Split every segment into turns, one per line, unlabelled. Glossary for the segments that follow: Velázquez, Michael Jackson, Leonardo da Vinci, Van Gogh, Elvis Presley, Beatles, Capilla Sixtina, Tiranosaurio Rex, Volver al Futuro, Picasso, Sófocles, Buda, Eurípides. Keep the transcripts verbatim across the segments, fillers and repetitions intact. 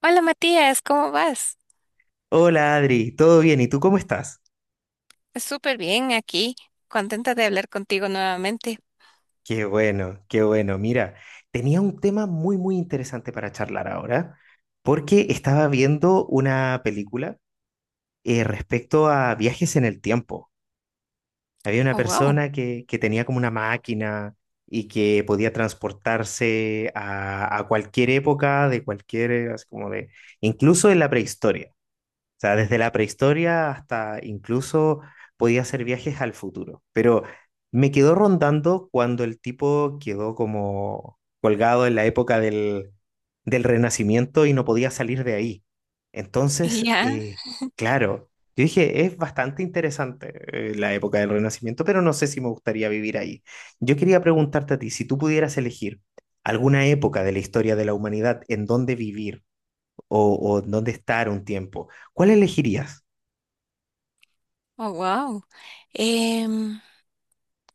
Hola Matías, ¿cómo vas?
Hola Adri, ¿todo bien? ¿Y tú cómo estás?
Súper bien aquí, contenta de hablar contigo nuevamente.
Qué bueno, qué bueno. Mira, tenía un tema muy, muy interesante para charlar ahora, porque estaba viendo una película eh, respecto a viajes en el tiempo. Había una
Oh, wow.
persona que, que tenía como una máquina y que podía transportarse a, a cualquier época, de cualquier, eh, así como de, incluso en la prehistoria. O sea, desde la prehistoria hasta incluso podía hacer viajes al futuro. Pero me quedó rondando cuando el tipo quedó como colgado en la época del, del Renacimiento y no podía salir de ahí. Entonces,
Ya,
eh, claro, yo dije, es bastante interesante eh, la época del Renacimiento, pero no sé si me gustaría vivir ahí. Yo quería preguntarte a ti, si tú pudieras elegir alguna época de la historia de la humanidad en donde vivir, o, o dónde estar un tiempo, ¿cuál elegirías?
oh, wow. Em,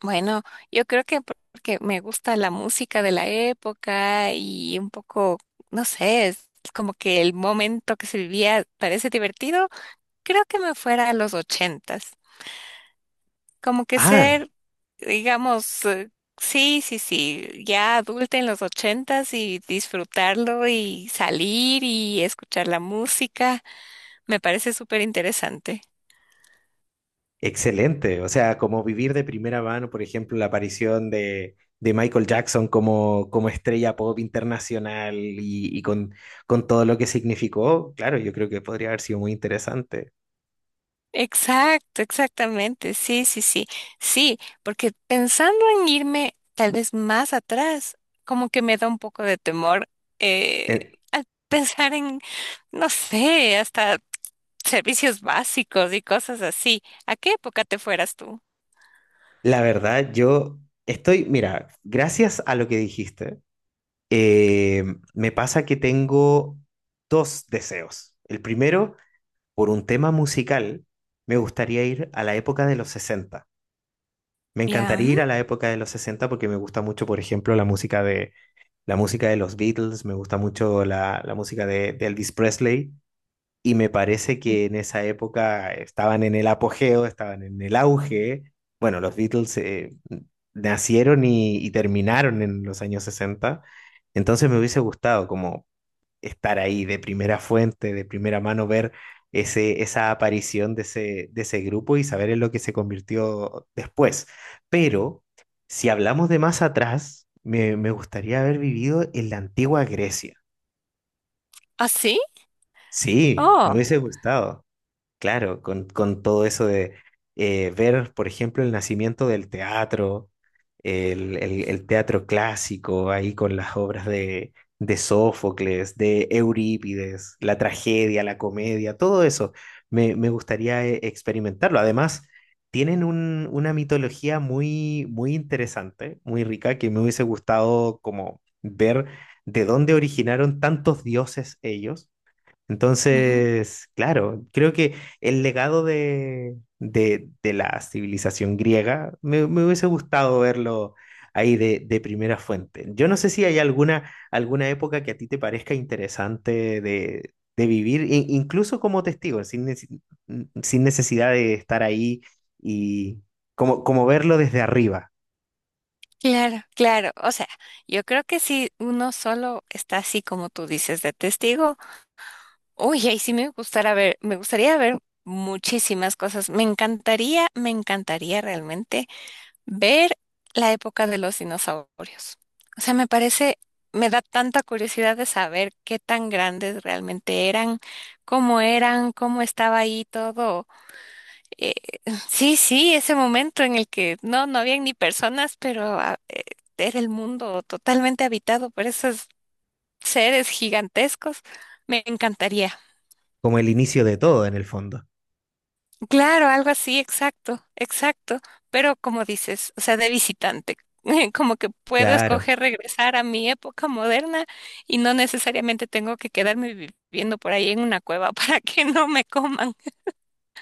bueno, yo creo que por- porque me gusta la música de la época y un poco, no sé, es como que el momento que se vivía parece divertido, creo que me fuera a los ochentas. Como que
Ah,
ser, digamos, eh, sí, sí, sí, ya adulta en los ochentas y disfrutarlo y salir y escuchar la música, me parece súper interesante.
excelente. O sea, como vivir de primera mano, por ejemplo, la aparición de, de Michael Jackson como, como estrella pop internacional y, y con, con todo lo que significó, claro, yo creo que podría haber sido muy interesante.
Exacto, exactamente. Sí, sí, sí. Sí, porque pensando en irme tal vez más atrás, como que me da un poco de temor eh,
Eh,
al pensar en, no sé, hasta servicios básicos y cosas así. ¿A qué época te fueras tú?
la verdad, yo estoy, mira, gracias a lo que dijiste, eh, me pasa que tengo dos deseos. El primero por un tema musical, me gustaría ir a la época de los sesenta. Me
¿Ya?
encantaría
Mm.
ir a la época de los sesenta porque me gusta mucho, por ejemplo, la música de, la música de los Beatles, me gusta mucho la, la música de, de Elvis Presley y me parece que en esa época estaban en el apogeo, estaban en el auge. Bueno, los Beatles eh, nacieron y, y terminaron en los años sesenta. Entonces me hubiese gustado como estar ahí de primera fuente, de primera mano, ver ese, esa aparición de ese, de ese grupo y saber en lo que se convirtió después. Pero si hablamos de más atrás, me, me gustaría haber vivido en la antigua Grecia.
¿Ah, sí?
Sí, me
Oh.
hubiese gustado. Claro, con, con todo eso de eh, ver, por ejemplo, el nacimiento del teatro, el, el- el teatro clásico, ahí con las obras de, de Sófocles, de Eurípides, la tragedia, la comedia, todo eso, me, me gustaría eh, experimentarlo. Además, tienen un- una mitología muy, muy interesante, muy rica, que me hubiese gustado como ver de dónde originaron tantos dioses ellos,
Ujú.
entonces, claro, creo que el legado de, de, de la civilización griega me, me hubiese gustado verlo ahí de, de primera fuente. Yo no sé si hay alguna, alguna época que a ti te parezca interesante de, de vivir, i- incluso como testigo, sin, nece- sin necesidad de estar ahí y como, como verlo desde arriba,
Claro, claro. O sea, yo creo que si uno solo está así como tú dices de testigo, uy, ahí sí me gustará ver, me gustaría ver muchísimas cosas. Me encantaría, me encantaría realmente ver la época de los dinosaurios. O sea, me parece, me da tanta curiosidad de saber qué tan grandes realmente eran, cómo eran, cómo estaba ahí todo. Eh, sí, sí, ese momento en el que no, no habían ni personas, pero ah, eh, era el mundo totalmente habitado por esos seres gigantescos. Me encantaría.
como el inicio de todo en el fondo.
Claro, algo así, exacto, exacto. Pero como dices, o sea, de visitante, como que puedo
Claro,
escoger regresar a mi época moderna y no necesariamente tengo que quedarme viviendo por ahí en una cueva para que no me coman.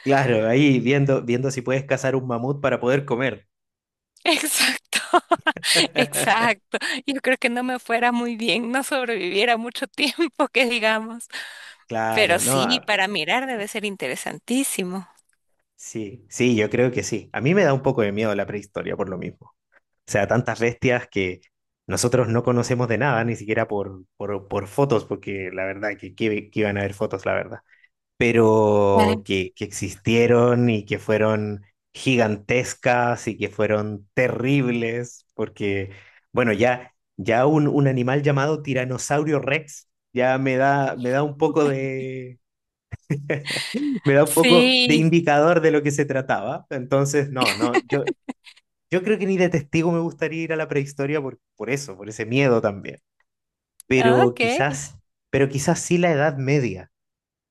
claro, ahí viendo, viendo si puedes cazar un mamut para poder comer.
Exacto, exacto. Yo creo que no me fuera muy bien, no sobreviviera mucho tiempo, que digamos. Pero
Claro, no,
sí,
a-
para mirar debe ser interesantísimo.
sí, sí, yo creo que sí. A mí me da un poco de miedo la prehistoria por lo mismo. O sea, tantas bestias que nosotros no conocemos de nada, ni siquiera por, por, por fotos, porque la verdad que, que, que iban a haber fotos, la verdad. Pero
Claro.
que, que existieron y que fueron gigantescas y que fueron terribles, porque, bueno, ya, ya un, un animal llamado Tiranosaurio Rex ya me da, me da un poco de... me da un poco de
Sí,
indicador de lo que se trataba. Entonces, no, no, yo, yo creo que ni de testigo me gustaría ir a la prehistoria por, por eso, por ese miedo también. Pero
ok.
quizás, pero quizás sí la Edad Media,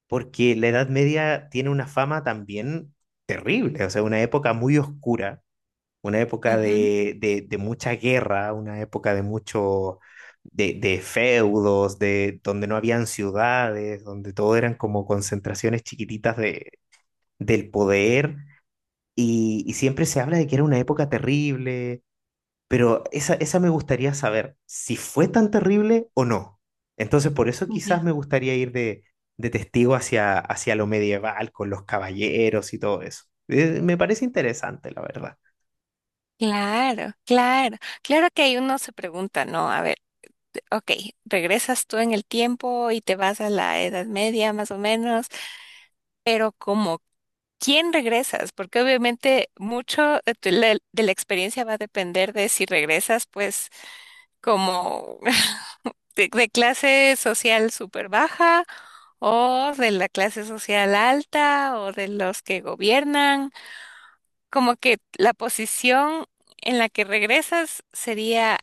porque la Edad Media tiene una fama también terrible, o sea, una época muy oscura, una época
Ujú,
de, de, de mucha guerra, una época de mucho... De, de feudos, de donde no habían ciudades, donde todo eran como concentraciones chiquititas de, del poder y, y siempre se habla de que era una época terrible, pero esa, esa me gustaría saber si fue tan terrible o no. Entonces, por eso quizás
ya.
me gustaría ir de, de testigo hacia, hacia lo medieval, con los caballeros y todo eso. Eh, me parece interesante, la verdad.
Claro, claro, claro que ahí uno se pregunta, ¿no? A ver, ok, regresas tú en el tiempo y te vas a la Edad Media más o menos, pero como ¿quién regresas? Porque obviamente mucho de, tu- la- de la experiencia va a depender de si regresas, pues, como de, de clase social súper baja o de la clase social alta o de los que gobiernan. Como que la posición en la que regresas sería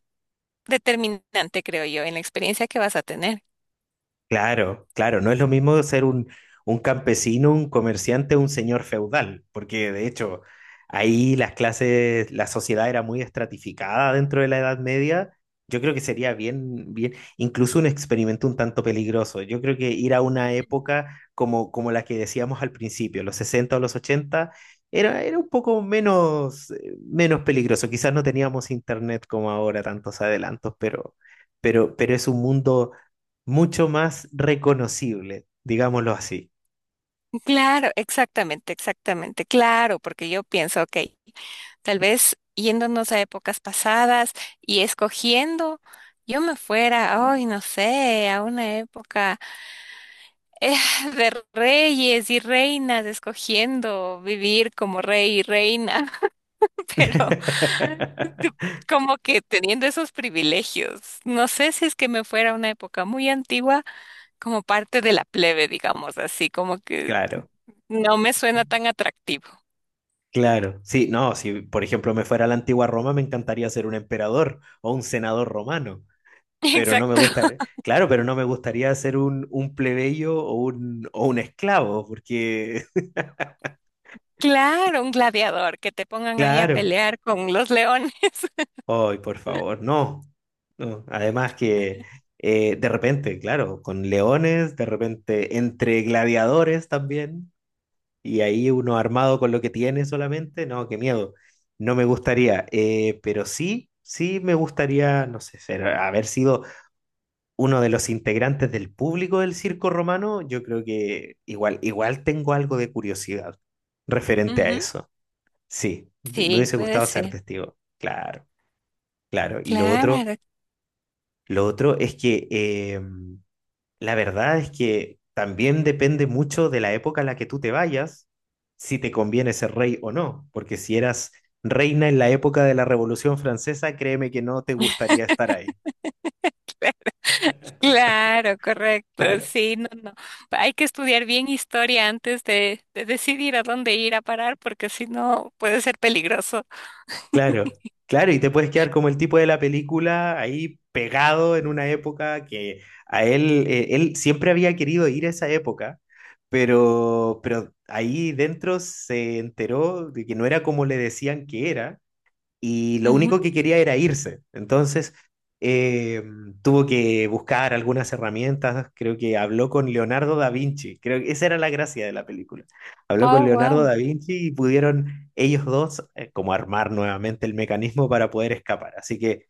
determinante, creo yo, en la experiencia que vas a tener.
Claro, claro, no es lo mismo ser un, un campesino, un comerciante, un señor feudal, porque de hecho ahí las clases, la sociedad era muy estratificada dentro de la Edad Media. Yo creo que sería bien, bien, incluso un experimento un tanto peligroso. Yo creo que ir a una época como, como la que decíamos al principio, los sesenta o los ochenta, era, era un poco menos, eh, menos peligroso. Quizás no teníamos internet como ahora, tantos adelantos, pero, pero, pero es un mundo mucho más reconocible, digámoslo así.
Claro, exactamente, exactamente, claro, porque yo pienso, ok, tal vez yéndonos a épocas pasadas y escogiendo, yo me fuera, ay, no sé, a una época eh, de reyes y reinas, escogiendo vivir como rey y reina, pero como que teniendo esos privilegios. No sé si es que me fuera a una época muy antigua como parte de la plebe, digamos así, como que
Claro,
no me suena tan atractivo.
claro. Sí, no, si por ejemplo me fuera a la antigua Roma, me encantaría ser un emperador o un senador romano, pero no me
Exacto.
gustaría, claro, pero no me gustaría ser un, un plebeyo o un, o un esclavo, porque,
Claro, un gladiador, que te pongan ahí a
claro,
pelear con los leones.
ay, por favor, no. No, además que eh, de repente, claro, con leones, de repente entre gladiadores también. Y ahí uno armado con lo que tiene solamente, no, qué miedo. No me gustaría, eh, pero sí, sí me gustaría, no sé, ser- haber sido uno de los integrantes del público del circo romano. Yo creo que igual, igual tengo algo de curiosidad referente a
Ujú.
eso. Sí, me
Sí,
hubiese
puede
gustado ser
ser.
testigo, claro, claro. Y lo otro,
Claro,
lo otro es que eh, la verdad es que también depende mucho de la época a la que tú te vayas, si te conviene ser rey o no, porque si eras reina en la época de la Revolución Francesa, créeme que no te gustaría estar ahí.
claro, claro, correcto.
Claro,
Sí, no, no. Hay que estudiar bien historia antes de, de decidir a dónde ir a parar, porque si no puede ser peligroso.
claro, claro, y te puedes quedar como el tipo de la película ahí pegado en una época que a él, eh, él siempre había querido ir a esa época, pero, pero ahí dentro se enteró de que no era como le decían que era y lo
Ujú.
único que quería era irse. Entonces, eh, tuvo que buscar algunas herramientas, creo que habló con Leonardo da Vinci, creo que esa era la gracia de la película. Habló con
Oh,
Leonardo
wow.
da Vinci y pudieron ellos dos eh, como armar nuevamente el mecanismo para poder escapar. Así que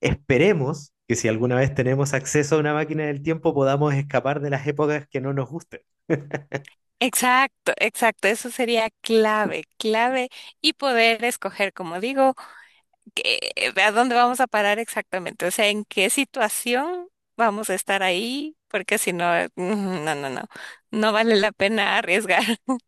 esperemos que si alguna vez tenemos acceso a una máquina del tiempo podamos escapar de las épocas que no nos gusten.
Exacto, exacto. Eso sería clave, clave y poder escoger, como digo. ¿Qué- ¿a dónde vamos a parar exactamente? O sea, ¿en qué situación vamos a estar ahí? Porque si no, eh, mm, no, no, no, no vale la pena arriesgar.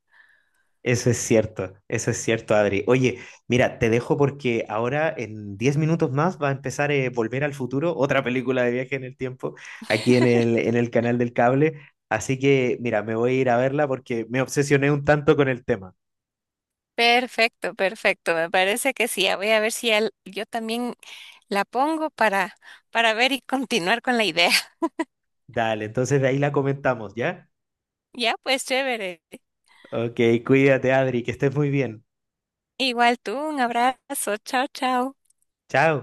Eso es cierto, eso es cierto, Adri. Oye, mira, te dejo porque ahora en diez minutos más va a empezar eh, Volver al Futuro, otra película de viaje en el tiempo, aquí en el, en el canal del cable. Así que, mira, me voy a ir a verla porque me obsesioné un tanto con el tema.
Perfecto, perfecto. Me parece que sí. Voy a ver si al- yo también la pongo para, para ver y continuar con la idea.
Dale, entonces de ahí la comentamos, ¿ya?
Ya, pues chévere.
Ok, cuídate, Adri, que estés muy bien.
Igual tú, un abrazo. Chao, chao.
Chao.